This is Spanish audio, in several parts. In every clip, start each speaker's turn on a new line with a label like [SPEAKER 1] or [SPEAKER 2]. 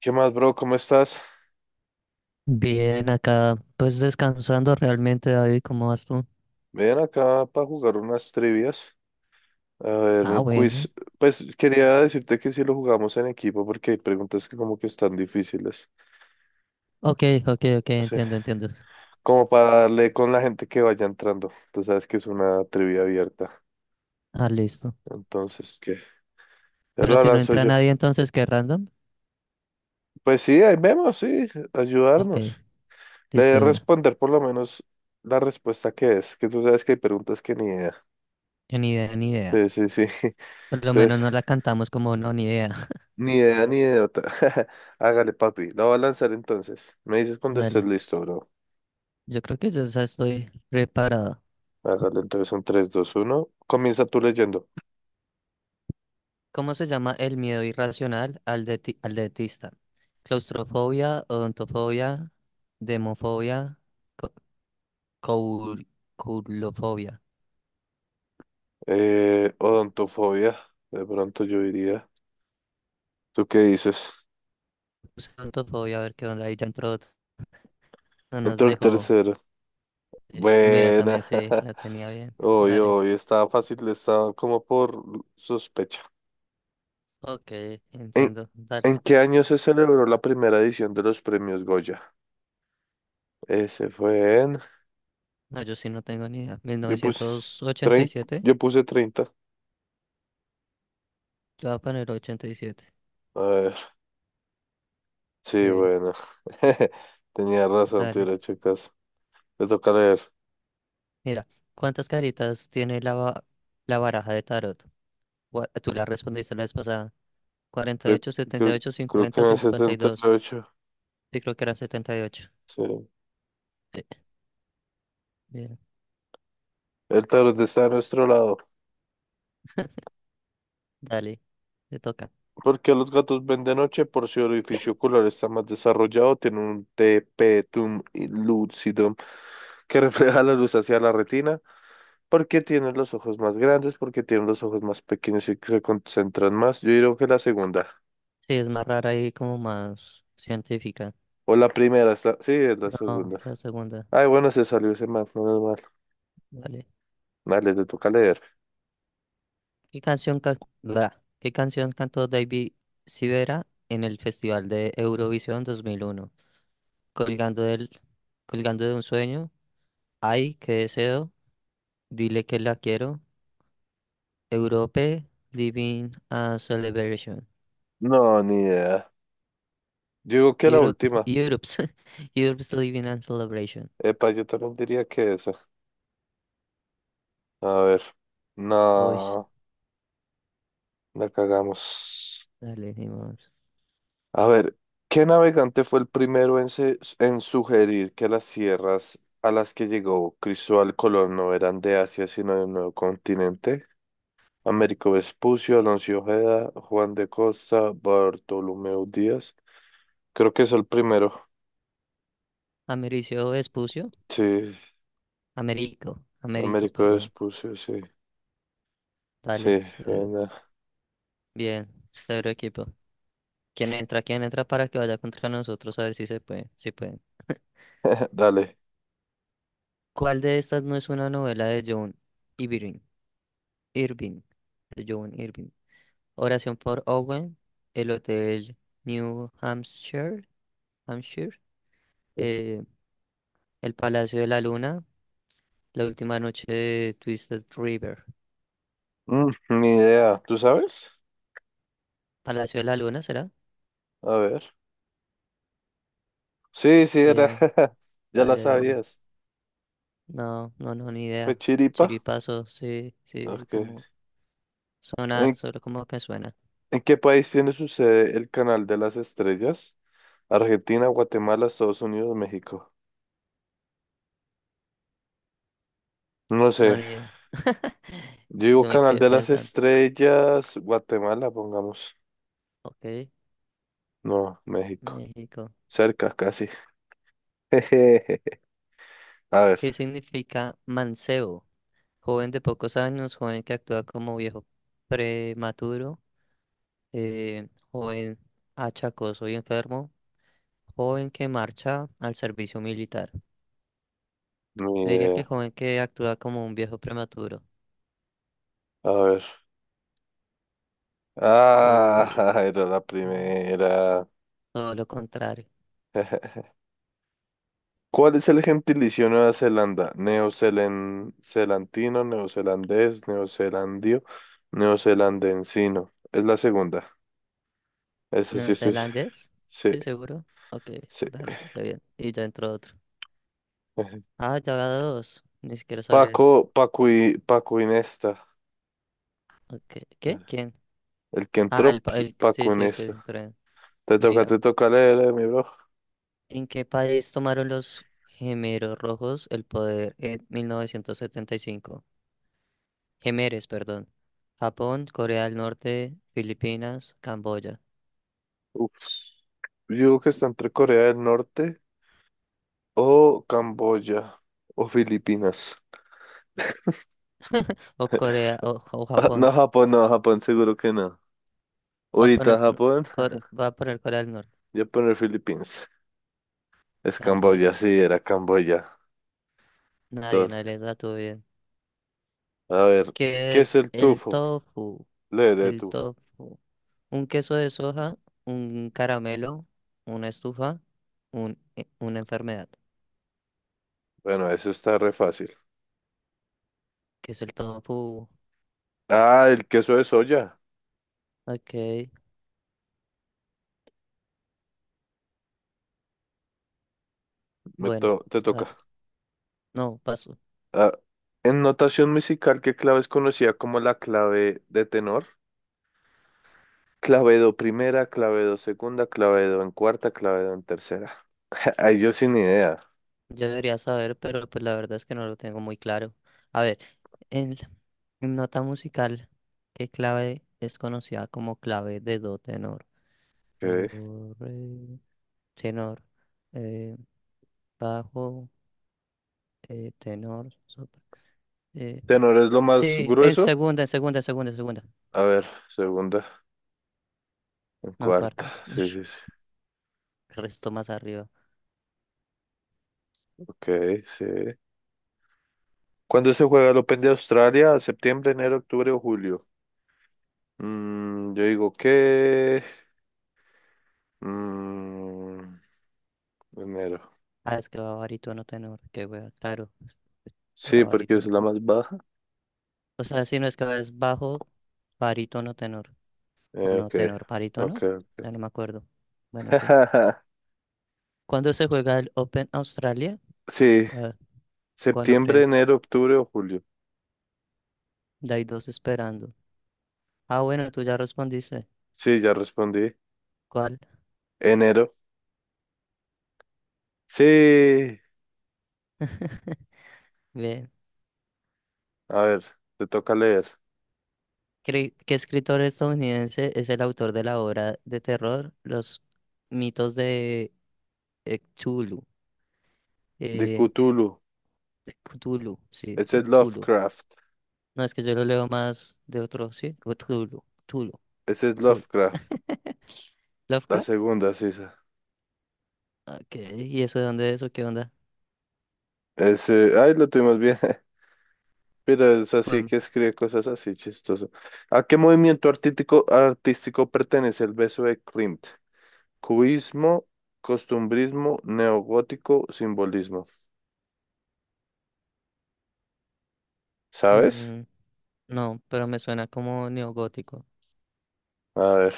[SPEAKER 1] ¿Qué más, bro? ¿Cómo estás?
[SPEAKER 2] Bien, acá pues descansando realmente, David, ¿cómo vas tú?
[SPEAKER 1] Ven acá para jugar unas trivias. A ver,
[SPEAKER 2] Ah,
[SPEAKER 1] un
[SPEAKER 2] bueno.
[SPEAKER 1] quiz. Pues quería decirte que si lo jugamos en equipo porque hay preguntas que como que están difíciles.
[SPEAKER 2] Ok, ok, ok,
[SPEAKER 1] Sí,
[SPEAKER 2] entiendo, entiendo.
[SPEAKER 1] como para darle con la gente que vaya entrando. Tú sabes que es una trivia abierta.
[SPEAKER 2] Ah, listo.
[SPEAKER 1] Entonces, ¿qué? Ya
[SPEAKER 2] Pero
[SPEAKER 1] la
[SPEAKER 2] si no
[SPEAKER 1] lanzo
[SPEAKER 2] entra
[SPEAKER 1] yo.
[SPEAKER 2] nadie, entonces, ¿qué random?
[SPEAKER 1] Pues sí, ahí vemos, sí,
[SPEAKER 2] Ok,
[SPEAKER 1] ayudarnos. Le
[SPEAKER 2] listo
[SPEAKER 1] de
[SPEAKER 2] de una.
[SPEAKER 1] responder por lo menos la respuesta que es, que tú sabes que hay preguntas que ni idea.
[SPEAKER 2] Ni idea, ni idea.
[SPEAKER 1] Sí, sí, sí.
[SPEAKER 2] Por lo menos
[SPEAKER 1] Entonces,
[SPEAKER 2] no la cantamos como no, ni idea.
[SPEAKER 1] ni idea, ni idiota. Hágale, papi. La voy a lanzar entonces. Me dices cuando estés
[SPEAKER 2] Dale.
[SPEAKER 1] listo, bro.
[SPEAKER 2] Yo creo que yo ya estoy preparado.
[SPEAKER 1] Hágale entonces en tres dos uno. Comienza tú leyendo.
[SPEAKER 2] ¿Cómo se llama el miedo irracional al dentista? Claustrofobia, odontofobia, demofobia, co- coul- coulofobia.
[SPEAKER 1] Odontofobia. De pronto yo diría. ¿Tú qué dices?
[SPEAKER 2] Puse odontofobia, a ver qué onda. Ahí ya entró. No nos
[SPEAKER 1] Entró el
[SPEAKER 2] dejo.
[SPEAKER 1] tercero.
[SPEAKER 2] Mira, también
[SPEAKER 1] Buena.
[SPEAKER 2] sí, la tenía bien.
[SPEAKER 1] Hoy,
[SPEAKER 2] Dale.
[SPEAKER 1] hoy estaba fácil, estaba como por sospecha.
[SPEAKER 2] Ok,
[SPEAKER 1] ¿En,
[SPEAKER 2] entiendo. Dale.
[SPEAKER 1] en qué año se celebró la primera edición de los premios Goya? Ese fue en.
[SPEAKER 2] No, yo sí no tengo ni idea. mil
[SPEAKER 1] Yo puse
[SPEAKER 2] novecientos ochenta y
[SPEAKER 1] treinta.
[SPEAKER 2] siete
[SPEAKER 1] Yo puse 30.
[SPEAKER 2] Yo voy a poner 87.
[SPEAKER 1] Sí,
[SPEAKER 2] Sí,
[SPEAKER 1] bueno. Tenía razón, te
[SPEAKER 2] dale.
[SPEAKER 1] hubiera hecho caso. Te toca leer.
[SPEAKER 2] Mira, ¿cuántas caritas tiene la baraja de tarot? Tú la respondiste la vez pasada. cuarenta y
[SPEAKER 1] Creo,
[SPEAKER 2] ocho, setenta y
[SPEAKER 1] creo-
[SPEAKER 2] ocho,
[SPEAKER 1] creo que
[SPEAKER 2] 50,
[SPEAKER 1] en el
[SPEAKER 2] cincuenta y
[SPEAKER 1] setenta y
[SPEAKER 2] dos
[SPEAKER 1] ocho.
[SPEAKER 2] Sí, creo que eran 78.
[SPEAKER 1] Sí.
[SPEAKER 2] Sí, bien.
[SPEAKER 1] El tarot está a nuestro lado.
[SPEAKER 2] Dale, te toca.
[SPEAKER 1] ¿Por qué los gatos ven de noche? Por si el orificio ocular está más desarrollado, tiene un tapetum lucidum que refleja la luz hacia la retina. ¿Por qué tienen los ojos más grandes? ¿Por qué tienen los ojos más pequeños y que se concentran más? Yo diría que la segunda.
[SPEAKER 2] Sí, es más rara y como más científica.
[SPEAKER 1] O la primera, está sí, es la
[SPEAKER 2] No,
[SPEAKER 1] segunda.
[SPEAKER 2] la segunda.
[SPEAKER 1] Ay, bueno, se salió ese más, no es mal.
[SPEAKER 2] Vale.
[SPEAKER 1] Dale, te toca leer.
[SPEAKER 2] ¿Qué canción cantó David Sivera en el Festival de Eurovisión 2001? Colgando del, colgando de un sueño, ay, qué deseo, dile que la quiero, Europe, Living a Celebration,
[SPEAKER 1] No, ni idea. Yo digo que la
[SPEAKER 2] Europe,
[SPEAKER 1] última.
[SPEAKER 2] Europe's, Europe's Living a Celebration.
[SPEAKER 1] Epa, yo también diría que esa. A ver.
[SPEAKER 2] Uy,
[SPEAKER 1] No, la cagamos.
[SPEAKER 2] dale, dimos.
[SPEAKER 1] A ver, ¿qué navegante fue el primero en sugerir que las tierras a las que llegó Cristóbal Colón no eran de Asia, sino de un nuevo continente? Américo Vespucio, Alonso Ojeda, Juan de Costa, Bartolomeo Díaz. Creo que es el primero.
[SPEAKER 2] Americio Espucio,
[SPEAKER 1] Sí,
[SPEAKER 2] Américo,
[SPEAKER 1] Américo
[SPEAKER 2] perdón.
[SPEAKER 1] Vespucio, sí.
[SPEAKER 2] Dale,
[SPEAKER 1] Sí,
[SPEAKER 2] cero.
[SPEAKER 1] bueno.
[SPEAKER 2] Bien, cero equipo. ¿Quién entra para que vaya contra nosotros a ver si se puede? Si puede.
[SPEAKER 1] Dale.
[SPEAKER 2] ¿Cuál de estas no es una novela de John Irving? Irving. De John Irving. Oración por Owen. El Hotel New Hampshire. Hampshire. eh, el Palacio de la Luna. La última noche de Twisted River.
[SPEAKER 1] Mm, ni idea. ¿Tú sabes?
[SPEAKER 2] ¿Palacio de la Luna será?
[SPEAKER 1] A ver. Sí, sí, era.
[SPEAKER 2] Bien,
[SPEAKER 1] Ya la
[SPEAKER 2] dale de una.
[SPEAKER 1] sabías.
[SPEAKER 2] No, no, no, ni
[SPEAKER 1] Fue
[SPEAKER 2] idea.
[SPEAKER 1] Chiripa.
[SPEAKER 2] Chiripazo, sí, sí, sí,
[SPEAKER 1] Ok.
[SPEAKER 2] como sonar,
[SPEAKER 1] ¿En,
[SPEAKER 2] solo como que suena.
[SPEAKER 1] en qué país tiene su sede el Canal de las Estrellas? Argentina, Guatemala, Estados Unidos, México. No sé.
[SPEAKER 2] No, ni idea.
[SPEAKER 1] Yo digo
[SPEAKER 2] Yo me
[SPEAKER 1] Canal
[SPEAKER 2] quedé
[SPEAKER 1] de las
[SPEAKER 2] pensando.
[SPEAKER 1] Estrellas, Guatemala, pongamos.
[SPEAKER 2] Ok,
[SPEAKER 1] No, México.
[SPEAKER 2] México.
[SPEAKER 1] Cerca, casi. Jejeje. A ver.
[SPEAKER 2] ¿Qué significa mancebo? Joven de pocos años, joven que actúa como viejo prematuro, joven achacoso y enfermo, joven que marcha al servicio militar.
[SPEAKER 1] Ni
[SPEAKER 2] Yo diría que
[SPEAKER 1] idea.
[SPEAKER 2] joven que actúa como un viejo prematuro.
[SPEAKER 1] A ver.
[SPEAKER 2] u-
[SPEAKER 1] Ah, era la
[SPEAKER 2] u-
[SPEAKER 1] primera.
[SPEAKER 2] Todo lo contrario.
[SPEAKER 1] ¿Cuál es el gentilicio de Nueva Zelanda? Neozelandino, neozelandés, neozelandio, neozelandensino. Es la segunda. Esa sí, sí, sí,
[SPEAKER 2] ¿Neozelandés?
[SPEAKER 1] sí.
[SPEAKER 2] Sí, seguro. Ok,
[SPEAKER 1] Sí.
[SPEAKER 2] dale, re bien. Y ya entró otro. Ah, ya va dos. Ni siquiera sabía.
[SPEAKER 1] Paco, Paco y Paco Inesta.
[SPEAKER 2] Ok, ¿Qué? ¿Quién?
[SPEAKER 1] El que
[SPEAKER 2] Ah,
[SPEAKER 1] entró,
[SPEAKER 2] el, pa-
[SPEAKER 1] pues,
[SPEAKER 2] el, sí,
[SPEAKER 1] Paco
[SPEAKER 2] sí, el que
[SPEAKER 1] Inesta.
[SPEAKER 2] se trae. Mira,
[SPEAKER 1] Te toca leer, mi bro.
[SPEAKER 2] ¿en qué país tomaron los gemeros rojos el poder en 1975? Gemeres, perdón. Japón, Corea del Norte, Filipinas, Camboya.
[SPEAKER 1] Uf, yo digo que está entre Corea del Norte o Camboya o Filipinas.
[SPEAKER 2] O Corea, o
[SPEAKER 1] Ah, no,
[SPEAKER 2] Japón.
[SPEAKER 1] Japón, no, Japón, seguro que no.
[SPEAKER 2] Va a poner,
[SPEAKER 1] Ahorita
[SPEAKER 2] no,
[SPEAKER 1] Japón.
[SPEAKER 2] Va a poner Corea del Norte,
[SPEAKER 1] Ya poner Filipinas. Es
[SPEAKER 2] Camboya.
[SPEAKER 1] Camboya, sí, era Camboya.
[SPEAKER 2] Nadie,
[SPEAKER 1] Entonces,
[SPEAKER 2] nadie le da tu bien.
[SPEAKER 1] a ver,
[SPEAKER 2] ¿Qué
[SPEAKER 1] ¿qué es
[SPEAKER 2] es
[SPEAKER 1] el
[SPEAKER 2] el
[SPEAKER 1] tufo?
[SPEAKER 2] tofu?
[SPEAKER 1] Léele
[SPEAKER 2] El
[SPEAKER 1] tú.
[SPEAKER 2] tofu. Un queso de soja, un caramelo, una estufa, una enfermedad,
[SPEAKER 1] Bueno, eso está re fácil.
[SPEAKER 2] que es el tofu.
[SPEAKER 1] Ah, el queso de soya.
[SPEAKER 2] Ok,
[SPEAKER 1] Me
[SPEAKER 2] bueno,
[SPEAKER 1] to- te toca.
[SPEAKER 2] va. No, paso.
[SPEAKER 1] Ah, en notación musical, ¿qué clave es conocida como la clave de tenor? Clavedo primera, clavedo segunda, clavedo en cuarta, clavedo en tercera. Ahí yo sin idea.
[SPEAKER 2] Yo debería saber, pero pues la verdad es que no lo tengo muy claro. A ver, en, en nota musical, ¿qué clave es conocida como clave de do tenor? Do,
[SPEAKER 1] Ok.
[SPEAKER 2] re, tenor, eh, bajo, tenor, sopra, vale.
[SPEAKER 1] ¿Tenor es lo más
[SPEAKER 2] Sí, en
[SPEAKER 1] grueso?
[SPEAKER 2] segunda, en segunda, en segunda, en segunda.
[SPEAKER 1] A ver, segunda, en
[SPEAKER 2] No,
[SPEAKER 1] cuarta.
[SPEAKER 2] cuarta.
[SPEAKER 1] Sí, sí, sí.
[SPEAKER 2] El resto más arriba.
[SPEAKER 1] Ok, sí. ¿Cuándo se juega el Open de Australia? ¿Septiembre, enero, octubre o julio? Yo digo que mm, enero.
[SPEAKER 2] Ah, es que va barítono tenor, qué wea, claro, era
[SPEAKER 1] Sí, porque es
[SPEAKER 2] barítono
[SPEAKER 1] la
[SPEAKER 2] tenor.
[SPEAKER 1] más baja.
[SPEAKER 2] O sea, si no es que va es bajo, barítono tenor, o no
[SPEAKER 1] Ok,
[SPEAKER 2] tenor,
[SPEAKER 1] ok,
[SPEAKER 2] barítono,
[SPEAKER 1] ok.
[SPEAKER 2] ya no me acuerdo. Bueno, en fin. ¿Cuándo se juega el Open Australia?
[SPEAKER 1] Sí,
[SPEAKER 2] A ver, ¿cuándo
[SPEAKER 1] septiembre,
[SPEAKER 2] crees?
[SPEAKER 1] enero, octubre o julio.
[SPEAKER 2] Ya hay dos esperando. Ah, bueno, tú ya respondiste.
[SPEAKER 1] Sí, ya respondí.
[SPEAKER 2] ¿Cuál?
[SPEAKER 1] Enero. Sí.
[SPEAKER 2] Bien.
[SPEAKER 1] A ver, te toca leer.
[SPEAKER 2] ¿Qué escritor estadounidense es el autor de la obra de terror Los mitos de Cthulhu?
[SPEAKER 1] De
[SPEAKER 2] Eh,
[SPEAKER 1] Cthulhu.
[SPEAKER 2] Cthulhu, sí,
[SPEAKER 1] Ese
[SPEAKER 2] de
[SPEAKER 1] es
[SPEAKER 2] Cthulhu.
[SPEAKER 1] Lovecraft.
[SPEAKER 2] No, es que yo lo leo más de otro, sí, Cthulhu, Cthulhu,
[SPEAKER 1] Ese es
[SPEAKER 2] Cthulhu.
[SPEAKER 1] Lovecraft. La
[SPEAKER 2] Lovecraft.
[SPEAKER 1] segunda, sí, esa.
[SPEAKER 2] Ok, ¿y eso de dónde es o qué onda?
[SPEAKER 1] Ese, ay, lo tuvimos bien. Pero es así
[SPEAKER 2] Pues,
[SPEAKER 1] que escribe cosas así chistoso. ¿A qué movimiento artístico pertenece el beso de Klimt? Cubismo, costumbrismo, neogótico, simbolismo. ¿Sabes?
[SPEAKER 2] mm, no, pero me suena como neogótico.
[SPEAKER 1] A ver,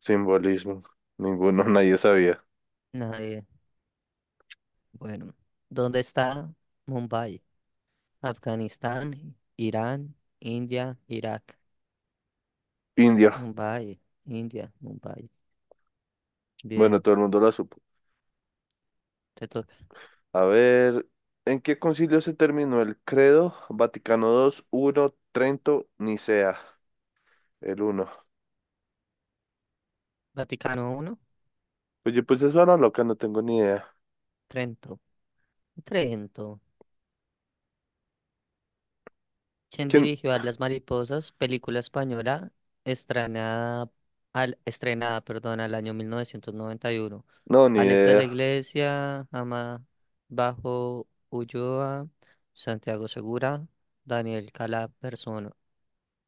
[SPEAKER 1] simbolismo. Ninguno, nadie sabía.
[SPEAKER 2] Nadie. Bueno, ¿dónde está Mumbai? Afganistán, Irán, India, Irak.
[SPEAKER 1] Indio.
[SPEAKER 2] Mumbai, India, Mumbai.
[SPEAKER 1] Bueno,
[SPEAKER 2] Bien,
[SPEAKER 1] todo el mundo lo supo.
[SPEAKER 2] te toca.
[SPEAKER 1] A ver, ¿en qué concilio se terminó el credo? Vaticano dos uno, Trento, Nicea. El uno.
[SPEAKER 2] Vaticano uno.
[SPEAKER 1] Oye, pues eso era loca, no tengo ni idea.
[SPEAKER 2] Trento. Trento. ¿Quién
[SPEAKER 1] ¿Quién?
[SPEAKER 2] dirigió a Las Mariposas? Película española estrenada al, estrenada, perdón, al año 1991.
[SPEAKER 1] No, ni
[SPEAKER 2] Alex de la
[SPEAKER 1] idea.
[SPEAKER 2] Iglesia, Ama Bajo Ulloa, Santiago Segura, Daniel Calapersono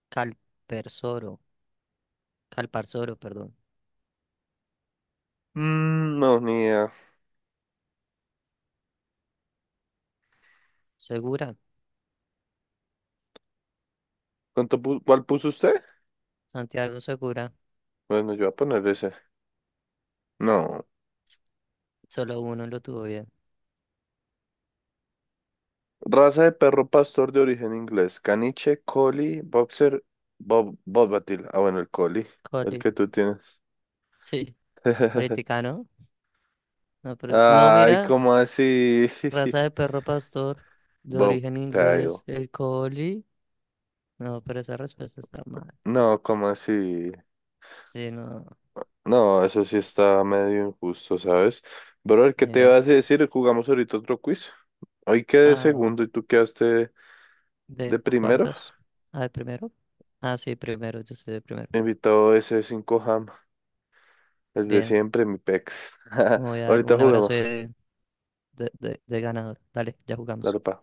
[SPEAKER 2] Calpersoro, Calparsoro, perdón.
[SPEAKER 1] Mm, no, ni idea.
[SPEAKER 2] Segura,
[SPEAKER 1] ¿Cuál puso usted?
[SPEAKER 2] Santiago Segura,
[SPEAKER 1] Bueno, yo voy a poner ese. No.
[SPEAKER 2] solo uno lo tuvo bien.
[SPEAKER 1] Raza de perro pastor de origen inglés. Caniche, collie, boxer, bob, Bobbatil. Ah, bueno, el collie. El
[SPEAKER 2] Coli,
[SPEAKER 1] que tú tienes.
[SPEAKER 2] sí, ahorita no, no, pero, no,
[SPEAKER 1] Ay,
[SPEAKER 2] mira,
[SPEAKER 1] ¿cómo así?
[SPEAKER 2] raza de perro pastor de origen
[SPEAKER 1] Bobtail.
[SPEAKER 2] inglés, el collie. No, pero esa respuesta está mal.
[SPEAKER 1] No, ¿cómo así?
[SPEAKER 2] Sí, no,
[SPEAKER 1] No, eso sí está medio injusto, ¿sabes? Bro, ¿qué te
[SPEAKER 2] mira.
[SPEAKER 1] vas a decir? Jugamos ahorita otro quiz. Hoy quedé
[SPEAKER 2] Ah,
[SPEAKER 1] segundo y tú quedaste de
[SPEAKER 2] de
[SPEAKER 1] primero.
[SPEAKER 2] cuartos. Ah, de primero. Ah, sí, primero, yo soy de primero.
[SPEAKER 1] Invitado ese 5 ham. El de
[SPEAKER 2] Bien,
[SPEAKER 1] siempre, mi pex.
[SPEAKER 2] me voy a dar
[SPEAKER 1] Ahorita
[SPEAKER 2] un abrazo
[SPEAKER 1] jugamos.
[SPEAKER 2] de, ganador. Dale, ya jugamos.
[SPEAKER 1] Dale, pa.